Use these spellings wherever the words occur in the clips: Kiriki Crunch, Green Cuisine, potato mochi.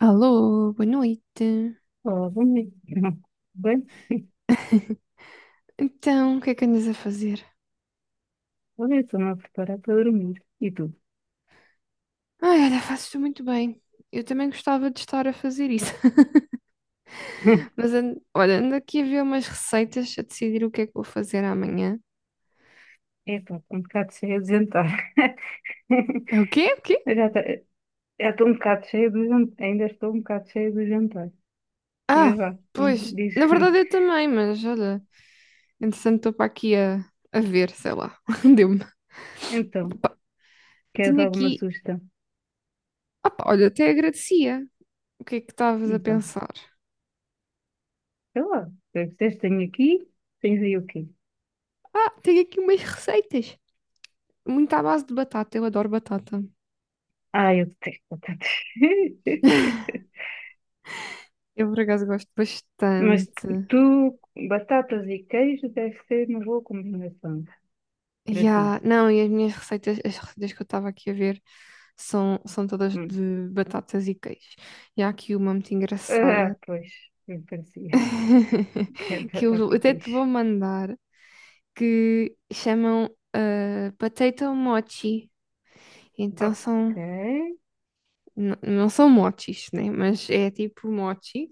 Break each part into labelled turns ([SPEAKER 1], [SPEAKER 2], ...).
[SPEAKER 1] Alô, boa noite.
[SPEAKER 2] Ó, dormir. Bem,
[SPEAKER 1] Então, o que é que andas a fazer?
[SPEAKER 2] olha, eu estou-me a preparar para dormir. E tu?
[SPEAKER 1] Ai, olha, fazes-te muito bem. Eu também gostava de estar a fazer isso.
[SPEAKER 2] Hum.
[SPEAKER 1] Mas, olha, ando aqui a ver umas receitas, a decidir o que é que vou fazer amanhã.
[SPEAKER 2] Epá, estou um bocado cheia de jantar.
[SPEAKER 1] É o quê? O quê?
[SPEAKER 2] Eu já estou um bocado cheia do jantar. Ainda estou um bocado cheia do jantar.
[SPEAKER 1] Ah,
[SPEAKER 2] Mas vá,
[SPEAKER 1] pois,
[SPEAKER 2] diz.
[SPEAKER 1] na verdade eu também, mas olha, entretanto estou para aqui a ver, sei lá. Deu-me.
[SPEAKER 2] Então,
[SPEAKER 1] Opa,
[SPEAKER 2] queres
[SPEAKER 1] tenho
[SPEAKER 2] alguma
[SPEAKER 1] aqui.
[SPEAKER 2] sugestão?
[SPEAKER 1] Opa, olha, até agradecia. O que é que estavas a
[SPEAKER 2] Então,
[SPEAKER 1] pensar?
[SPEAKER 2] sei lá. Eu tens tenho aqui, tens aí o quê?
[SPEAKER 1] Ah, tenho aqui umas receitas. Muito à base de batata, eu adoro batata.
[SPEAKER 2] Ah, eu detesto batatas.
[SPEAKER 1] Eu por acaso gosto
[SPEAKER 2] Mas
[SPEAKER 1] bastante.
[SPEAKER 2] tu, batatas e queijo deve ser uma boa combinação para ti.
[SPEAKER 1] Yeah, não, e as minhas receitas, as receitas que eu estava aqui a ver são todas de batatas e queijo. E há aqui uma muito engraçada
[SPEAKER 2] Ah, pois, me parecia que era
[SPEAKER 1] que eu
[SPEAKER 2] batata e
[SPEAKER 1] até te vou
[SPEAKER 2] peixe.
[SPEAKER 1] mandar, que chamam potato mochi. Então
[SPEAKER 2] Ok.
[SPEAKER 1] são, não são mochis, né? Mas é tipo mochi.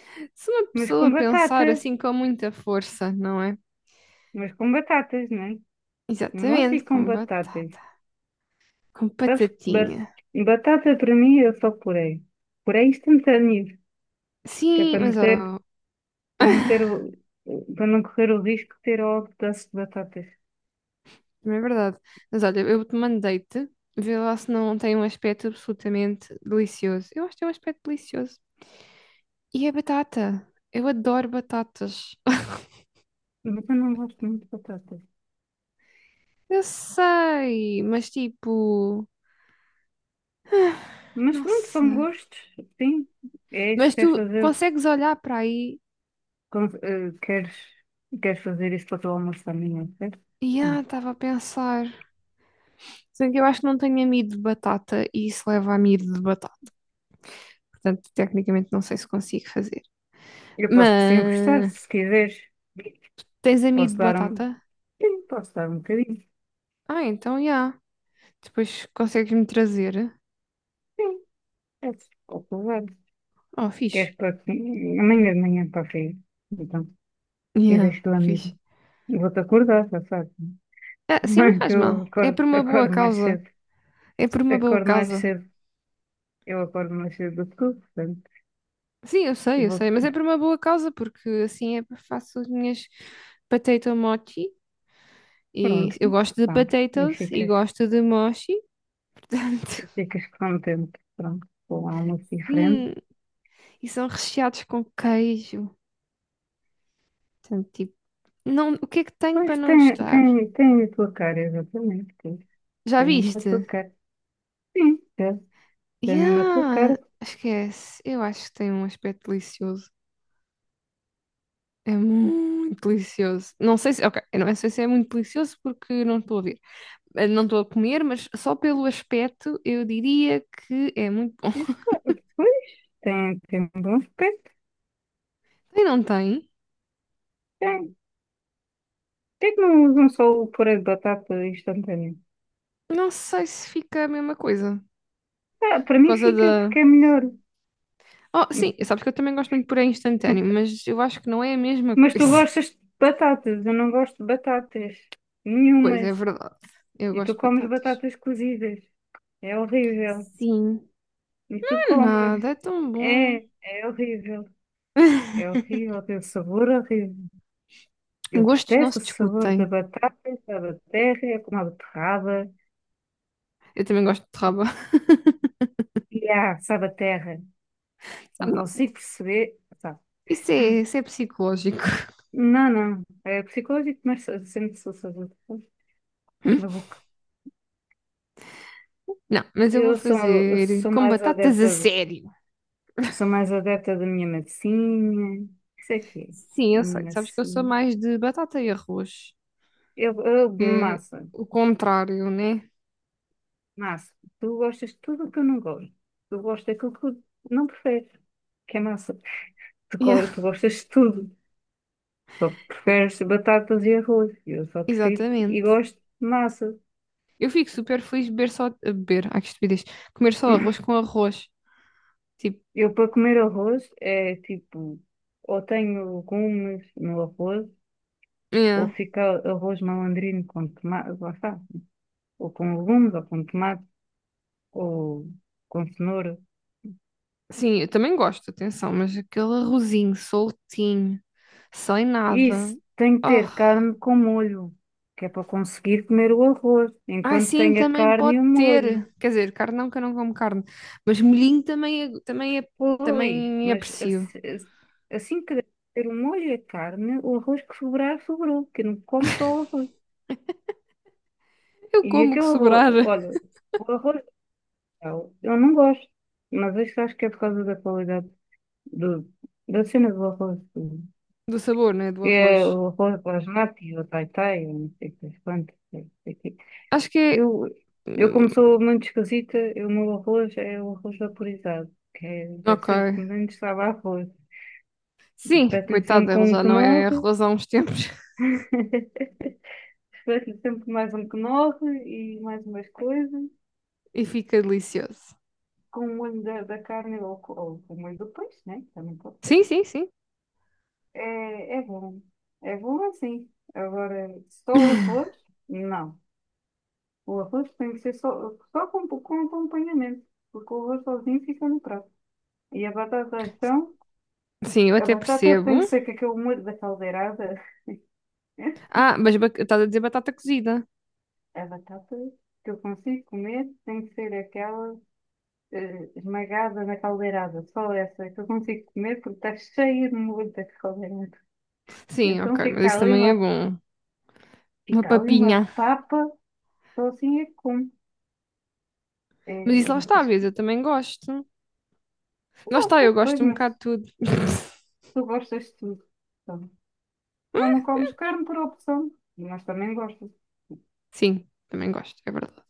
[SPEAKER 1] Se uma
[SPEAKER 2] Mas
[SPEAKER 1] pessoa
[SPEAKER 2] com batata.
[SPEAKER 1] pensar assim com muita força, não é?
[SPEAKER 2] Mas com batatas, não é? Mostra
[SPEAKER 1] Exatamente,
[SPEAKER 2] e com
[SPEAKER 1] com
[SPEAKER 2] batatas.
[SPEAKER 1] batata, com
[SPEAKER 2] Sabes que
[SPEAKER 1] batatinha.
[SPEAKER 2] batata para mim é só purê. Puré instantâneo. Que é
[SPEAKER 1] Sim,
[SPEAKER 2] para não
[SPEAKER 1] mas
[SPEAKER 2] ter,
[SPEAKER 1] ó,
[SPEAKER 2] para não ter, para não correr o risco de ter ao pedaço de batatas.
[SPEAKER 1] não é verdade. Mas olha, eu te mandei-te, vê lá se não tem um aspecto absolutamente delicioso. Eu acho que tem um aspecto delicioso. E é batata. Eu adoro batatas.
[SPEAKER 2] Mas eu não gosto muito de batatas.
[SPEAKER 1] Eu sei, mas tipo,
[SPEAKER 2] Mas
[SPEAKER 1] não
[SPEAKER 2] pronto, são
[SPEAKER 1] sei.
[SPEAKER 2] gostos, sim. É isso
[SPEAKER 1] Mas
[SPEAKER 2] que queres
[SPEAKER 1] tu
[SPEAKER 2] fazer.
[SPEAKER 1] consegues olhar para aí
[SPEAKER 2] Queres, queres fazer isso para o teu almoço também, não é?
[SPEAKER 1] e estava a pensar. Sendo que eu acho que não tenho amido de batata e isso leva a amido de batata. Portanto, tecnicamente não sei se consigo fazer.
[SPEAKER 2] Eu posso te emprestar,
[SPEAKER 1] Mas
[SPEAKER 2] se quiseres.
[SPEAKER 1] tens amido
[SPEAKER 2] Posso
[SPEAKER 1] de
[SPEAKER 2] dar um.
[SPEAKER 1] batata?
[SPEAKER 2] Sim, posso dar um bocadinho.
[SPEAKER 1] Ah, então já. Depois consegues-me trazer.
[SPEAKER 2] Sim, é posso levar.
[SPEAKER 1] Oh, fixe.
[SPEAKER 2] Queres para que- amanhã de manhã para a feira? Então, e
[SPEAKER 1] Yeah,
[SPEAKER 2] deixo-te lá mesmo.
[SPEAKER 1] fixe.
[SPEAKER 2] Eu vou-te acordar, já sabes.
[SPEAKER 1] Ah, sim, não
[SPEAKER 2] Mãe, que
[SPEAKER 1] faz
[SPEAKER 2] eu
[SPEAKER 1] mal. É
[SPEAKER 2] acordo,
[SPEAKER 1] por uma boa
[SPEAKER 2] acordo mais
[SPEAKER 1] causa.
[SPEAKER 2] cedo.
[SPEAKER 1] É por uma boa
[SPEAKER 2] Acordo mais
[SPEAKER 1] causa.
[SPEAKER 2] cedo. Eu acordo mais cedo do que tu, portanto.
[SPEAKER 1] Sim, eu sei, eu
[SPEAKER 2] Vou,
[SPEAKER 1] sei, mas é por uma boa causa, porque assim é faço as minhas potato mochi. E
[SPEAKER 2] pronto,
[SPEAKER 1] eu gosto de
[SPEAKER 2] tá. E
[SPEAKER 1] potatoes e
[SPEAKER 2] ficas,
[SPEAKER 1] gosto de mochi, portanto.
[SPEAKER 2] e ficas contente. Pronto, com algo diferente.
[SPEAKER 1] Sim, e são recheados com queijo. Portanto, tipo, não, o que é que tenho para
[SPEAKER 2] Pois
[SPEAKER 1] não
[SPEAKER 2] tem,
[SPEAKER 1] gostar?
[SPEAKER 2] tem, tem a tua cara, exatamente. Tem
[SPEAKER 1] Já
[SPEAKER 2] tem mesmo a tua
[SPEAKER 1] viste?
[SPEAKER 2] cara. Sim, deve ser mesmo a mesma tua
[SPEAKER 1] Yeah,
[SPEAKER 2] cara.
[SPEAKER 1] esquece. Eu acho que tem um aspecto delicioso. É muito delicioso. Não sei se, ok, eu não sei se é muito delicioso porque não estou a ver, não estou a comer, mas só pelo aspecto eu diria que é muito bom.
[SPEAKER 2] E, pá, pois, tem, tem bom aspecto.
[SPEAKER 1] E não tem,
[SPEAKER 2] Tem. Por que é que não usam só o purê de batata instantâneo?
[SPEAKER 1] não sei se fica a mesma coisa.
[SPEAKER 2] Ah, para
[SPEAKER 1] Por
[SPEAKER 2] mim
[SPEAKER 1] causa
[SPEAKER 2] fica
[SPEAKER 1] da.
[SPEAKER 2] porque é melhor.
[SPEAKER 1] Oh, sim, sabes que eu também gosto muito de purê instantâneo, mas eu acho que não é a mesma
[SPEAKER 2] Mas tu
[SPEAKER 1] coisa.
[SPEAKER 2] gostas de batatas, eu não gosto de batatas
[SPEAKER 1] Pois é
[SPEAKER 2] nenhumas.
[SPEAKER 1] verdade. Eu
[SPEAKER 2] E
[SPEAKER 1] gosto
[SPEAKER 2] tu
[SPEAKER 1] de
[SPEAKER 2] comes
[SPEAKER 1] batatas.
[SPEAKER 2] batatas cozidas. É horrível.
[SPEAKER 1] Sim.
[SPEAKER 2] E tu
[SPEAKER 1] Não é
[SPEAKER 2] comes.
[SPEAKER 1] nada, é tão
[SPEAKER 2] É,
[SPEAKER 1] bom.
[SPEAKER 2] é horrível. É horrível, tem um sabor horrível. Eu
[SPEAKER 1] Gostos não
[SPEAKER 2] detesto
[SPEAKER 1] se
[SPEAKER 2] o sabor da
[SPEAKER 1] discutem.
[SPEAKER 2] batata, da terra, é como a beterraba.
[SPEAKER 1] Eu também gosto de raba.
[SPEAKER 2] E sabaterra, não
[SPEAKER 1] Sabe nada.
[SPEAKER 2] consigo perceber. Tá.
[SPEAKER 1] Isso é psicológico.
[SPEAKER 2] Não, não, é psicológico, mas sempre sou sabaterra na boca.
[SPEAKER 1] Não, mas eu vou
[SPEAKER 2] Eu sou, eu
[SPEAKER 1] fazer
[SPEAKER 2] sou
[SPEAKER 1] com
[SPEAKER 2] mais
[SPEAKER 1] batatas a
[SPEAKER 2] adepta,
[SPEAKER 1] sério.
[SPEAKER 2] sou mais adepta da minha massinha. Isso aqui,
[SPEAKER 1] Sim, eu
[SPEAKER 2] minha
[SPEAKER 1] sei. Sabes que eu sou
[SPEAKER 2] massinha.
[SPEAKER 1] mais de batata e arroz. É
[SPEAKER 2] Massa,
[SPEAKER 1] o contrário, né?
[SPEAKER 2] massa. Tu gostas de tudo o que eu não gosto. Tu gostas daquilo que eu não prefiro, que é massa. Tu,
[SPEAKER 1] Yeah,
[SPEAKER 2] tu gostas de tudo. Só preferes batatas e arroz. Eu só prefiro e
[SPEAKER 1] exatamente.
[SPEAKER 2] gosto de massa.
[SPEAKER 1] Eu fico super feliz de beber só. A beber, ai que estupidez. Comer só arroz com arroz. Tipo,
[SPEAKER 2] Eu para comer arroz é tipo, ou tenho legumes no arroz, ou
[SPEAKER 1] yeah.
[SPEAKER 2] fica arroz malandrino com tomate, lá está, ou com legumes, ou com tomate, ou com cenoura.
[SPEAKER 1] Sim, eu também gosto, atenção, mas aquele arrozinho soltinho, sem nada.
[SPEAKER 2] Isso, tem que
[SPEAKER 1] Oh.
[SPEAKER 2] ter carne com molho, que é para conseguir comer o arroz,
[SPEAKER 1] Ah,
[SPEAKER 2] enquanto
[SPEAKER 1] sim,
[SPEAKER 2] tem a
[SPEAKER 1] também
[SPEAKER 2] carne
[SPEAKER 1] pode
[SPEAKER 2] e o molho.
[SPEAKER 1] ter. Quer dizer, carne não, que eu não como carne. Mas molhinho também, é,
[SPEAKER 2] Pois,
[SPEAKER 1] também
[SPEAKER 2] mas
[SPEAKER 1] aprecio.
[SPEAKER 2] assim que ter o molho e a carne, o arroz que sobrar, sobrou, que não come só o arroz.
[SPEAKER 1] Eu
[SPEAKER 2] E
[SPEAKER 1] como o que
[SPEAKER 2] aquele arroz,
[SPEAKER 1] sobrar
[SPEAKER 2] olha, o arroz eu não gosto, mas isto acho que é por causa da qualidade do, da cena do arroz. Do-
[SPEAKER 1] do sabor, né? Do
[SPEAKER 2] É
[SPEAKER 1] arroz.
[SPEAKER 2] o arroz basmati, o tai-tai, eu não sei o que das quantas. Não sei o quê.
[SPEAKER 1] Acho que é.
[SPEAKER 2] Eu, eu como sou muito esquisita, eu- o meu arroz é o arroz vaporizado, que é, deve
[SPEAKER 1] Ok.
[SPEAKER 2] ser o que menos sabe a arroz.
[SPEAKER 1] Sim,
[SPEAKER 2] Espeto-lhe
[SPEAKER 1] coitado,
[SPEAKER 2] sempre
[SPEAKER 1] ele
[SPEAKER 2] com um
[SPEAKER 1] já não é
[SPEAKER 2] knorr,
[SPEAKER 1] arroz há uns tempos
[SPEAKER 2] espeto-lhe sempre mais um knorr e mais umas coisas,
[SPEAKER 1] e fica delicioso.
[SPEAKER 2] com o molho da, da carne ou, ou com o molho do peixe, né? Também pode ser.
[SPEAKER 1] Sim.
[SPEAKER 2] É, é bom. É bom assim. Agora, só o arroz? Não. O arroz tem que ser só, só com acompanhamento, porque o arroz sozinho fica no prato. E a batata, então,
[SPEAKER 1] Sim, eu
[SPEAKER 2] a
[SPEAKER 1] até
[SPEAKER 2] batata
[SPEAKER 1] percebo.
[SPEAKER 2] tem que ser com aquele molho da caldeirada.
[SPEAKER 1] Ah, mas estás a dizer batata cozida.
[SPEAKER 2] A batata que eu consigo comer tem que ser aquela esmagada na caldeirada, só essa que eu consigo comer porque está cheia de molho da caldeirada. E
[SPEAKER 1] Sim,
[SPEAKER 2] então
[SPEAKER 1] ok, mas isso também é bom. Uma
[SPEAKER 2] fica ali
[SPEAKER 1] papinha.
[SPEAKER 2] uma papa, só assim é que como.
[SPEAKER 1] Mas
[SPEAKER 2] É,
[SPEAKER 1] isso
[SPEAKER 2] é
[SPEAKER 1] lá
[SPEAKER 2] muito.
[SPEAKER 1] está, vês, eu também gosto. Lá
[SPEAKER 2] Não
[SPEAKER 1] está,
[SPEAKER 2] sei
[SPEAKER 1] eu
[SPEAKER 2] depois,
[SPEAKER 1] gosto um bocado de
[SPEAKER 2] mas
[SPEAKER 1] tudo.
[SPEAKER 2] tu gostas de tudo. Então, só não comes carne por opção. Mas também gostas.
[SPEAKER 1] Sim, também gosto, é verdade.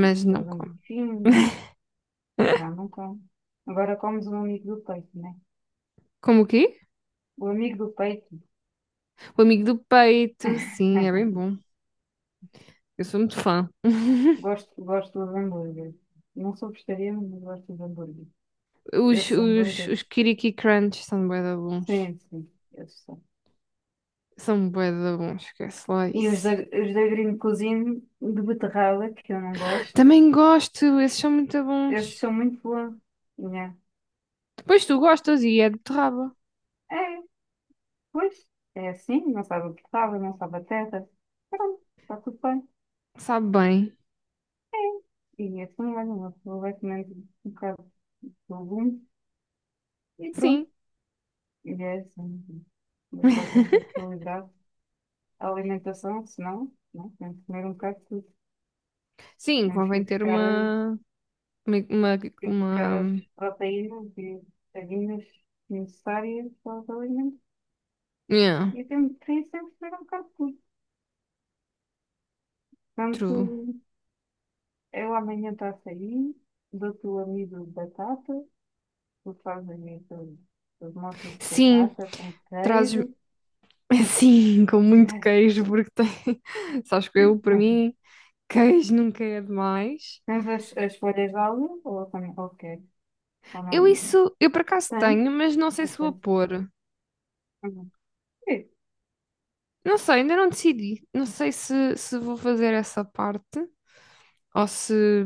[SPEAKER 1] Mas não
[SPEAKER 2] Tens um
[SPEAKER 1] como.
[SPEAKER 2] bifinho, mas já não como. Agora comes um amigo do peito, né?
[SPEAKER 1] Como o quê?
[SPEAKER 2] O amigo do peito.
[SPEAKER 1] O amigo do peito, sim, é bem bom. Eu sou muito fã.
[SPEAKER 2] Gosto, gosto dos hambúrgueres. Não sou vegetariana, mas gosto dos hambúrgueres.
[SPEAKER 1] Os,
[SPEAKER 2] Esses
[SPEAKER 1] os, os
[SPEAKER 2] hambúrgueres.
[SPEAKER 1] Kiriki Crunch são bué da bons.
[SPEAKER 2] Sim, sim, esses são.
[SPEAKER 1] São bué da bons, esquece lá
[SPEAKER 2] E
[SPEAKER 1] isso.
[SPEAKER 2] os da Green Cuisine de beterraba, que eu não gosto.
[SPEAKER 1] Também gosto, esses são muito
[SPEAKER 2] Esses
[SPEAKER 1] bons.
[SPEAKER 2] são muito bons. Né?
[SPEAKER 1] Depois tu gostas e é de beterraba.
[SPEAKER 2] É, pois, é assim, não sabe o que sabe, não sabe a teta. Pronto, está tudo bem.
[SPEAKER 1] Sabe bem.
[SPEAKER 2] É. E é assim, mais uma pessoa vai comendo um bocado de legumes e pronto.
[SPEAKER 1] Sim.
[SPEAKER 2] E é assim. Eu só tento equilibrar a alimentação, senão, não, tenho que comer um bocado de tudo.
[SPEAKER 1] Sim,
[SPEAKER 2] Temos que
[SPEAKER 1] convém
[SPEAKER 2] ir
[SPEAKER 1] ter
[SPEAKER 2] buscar,
[SPEAKER 1] uma... Uma... Uma...
[SPEAKER 2] ir buscar as
[SPEAKER 1] uma-
[SPEAKER 2] proteínas e vitaminas necessárias para os alimentos.
[SPEAKER 1] Yeah,
[SPEAKER 2] E tenho que sempre que comer um bocado de tudo. Portanto,
[SPEAKER 1] true.
[SPEAKER 2] eu amanhã estou a sair, dou-te o amido de batata. Tu fazes aí os mochos de
[SPEAKER 1] Sim,
[SPEAKER 2] batata com
[SPEAKER 1] trazes...
[SPEAKER 2] queijo.
[SPEAKER 1] Sim, com muito queijo, porque tem... Sabes que eu, para mim, queijo nunca é demais.
[SPEAKER 2] Tens as folhas de alho ou também qualquer? Ou
[SPEAKER 1] Eu
[SPEAKER 2] não?
[SPEAKER 1] isso... Eu por acaso
[SPEAKER 2] Tens?
[SPEAKER 1] tenho, mas não sei
[SPEAKER 2] Não
[SPEAKER 1] se vou
[SPEAKER 2] tens.
[SPEAKER 1] pôr.
[SPEAKER 2] Uhum. Sim.
[SPEAKER 1] Não sei, ainda não decidi. Não sei se vou fazer essa parte ou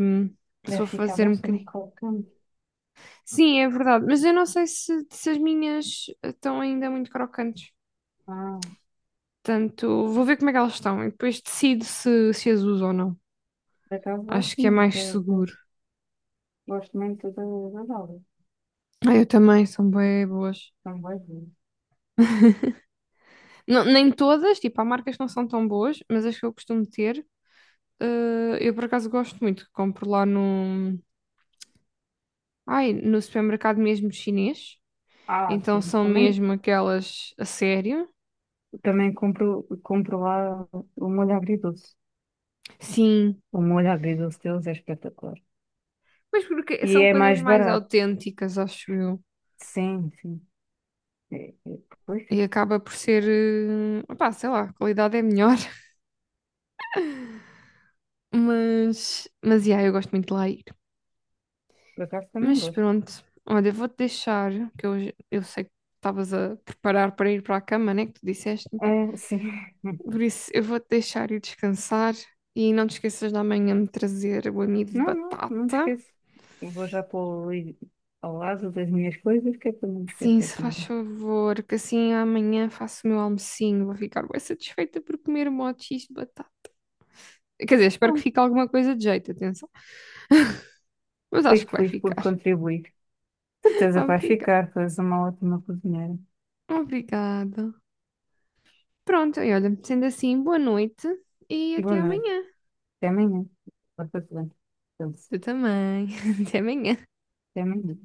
[SPEAKER 1] se
[SPEAKER 2] Deve
[SPEAKER 1] vou
[SPEAKER 2] ficar
[SPEAKER 1] fazer um
[SPEAKER 2] bastante
[SPEAKER 1] bocadinho.
[SPEAKER 2] crocante.
[SPEAKER 1] Sim, é verdade, mas eu não sei se as minhas estão ainda muito crocantes.
[SPEAKER 2] Ah,
[SPEAKER 1] Portanto, vou ver como é que elas estão e depois decido se as uso ou não.
[SPEAKER 2] por acaso
[SPEAKER 1] Acho
[SPEAKER 2] gosto
[SPEAKER 1] que é
[SPEAKER 2] muito,
[SPEAKER 1] mais
[SPEAKER 2] às
[SPEAKER 1] seguro.
[SPEAKER 2] vezes. Gosto muito das alhas.
[SPEAKER 1] Ah, eu também, são bem boas.
[SPEAKER 2] São boas.
[SPEAKER 1] Não, nem todas, tipo, há marcas que não são tão boas, mas as que eu costumo ter, eu por acaso gosto muito. Compro lá ai, no supermercado mesmo chinês.
[SPEAKER 2] Ah,
[SPEAKER 1] Então
[SPEAKER 2] sim.
[SPEAKER 1] são
[SPEAKER 2] Também,
[SPEAKER 1] mesmo aquelas a sério?
[SPEAKER 2] também compro, compro lá o molho agridoce.
[SPEAKER 1] Sim,
[SPEAKER 2] O molho agridoce deles é espetacular.
[SPEAKER 1] mas porque
[SPEAKER 2] E
[SPEAKER 1] são
[SPEAKER 2] é
[SPEAKER 1] coisas
[SPEAKER 2] mais
[SPEAKER 1] mais
[SPEAKER 2] barato.
[SPEAKER 1] autênticas, acho eu.
[SPEAKER 2] Sim, sim. É, é, pois,
[SPEAKER 1] E acaba por ser, opá, sei lá, a qualidade é melhor. Mas yeah, eu gosto muito de lá ir.
[SPEAKER 2] por acaso também
[SPEAKER 1] Mas
[SPEAKER 2] gosto.
[SPEAKER 1] pronto, olha, vou-te deixar, que eu sei que estavas a preparar para ir para a cama, né, que tu disseste.
[SPEAKER 2] É, sim.
[SPEAKER 1] Por isso, eu vou-te deixar ir descansar e não te esqueças de amanhã me trazer o amido de
[SPEAKER 2] Não, não, não me
[SPEAKER 1] batata.
[SPEAKER 2] esqueço. Eu vou já pôr ali ao lado das minhas coisas, que é para não me
[SPEAKER 1] Sim,
[SPEAKER 2] esquecer
[SPEAKER 1] se
[SPEAKER 2] de
[SPEAKER 1] faz
[SPEAKER 2] mim.
[SPEAKER 1] favor, que assim amanhã faço o meu almocinho, vou ficar bem satisfeita por comer um monte de X de batata. Quer dizer, espero que
[SPEAKER 2] Bom,
[SPEAKER 1] fique alguma coisa de jeito, atenção. Mas acho
[SPEAKER 2] fico
[SPEAKER 1] que vai
[SPEAKER 2] feliz por
[SPEAKER 1] ficar.
[SPEAKER 2] contribuir. De certeza que
[SPEAKER 1] Obrigada.
[SPEAKER 2] ficar, tu és uma ótima cozinheira.
[SPEAKER 1] Obrigada. Pronto, e olha, sendo assim, boa noite e até
[SPEAKER 2] Boa noite.
[SPEAKER 1] amanhã.
[SPEAKER 2] Até amanhã. Porta-te bem. Então,
[SPEAKER 1] Tu também. Até amanhã.
[SPEAKER 2] até amanhã.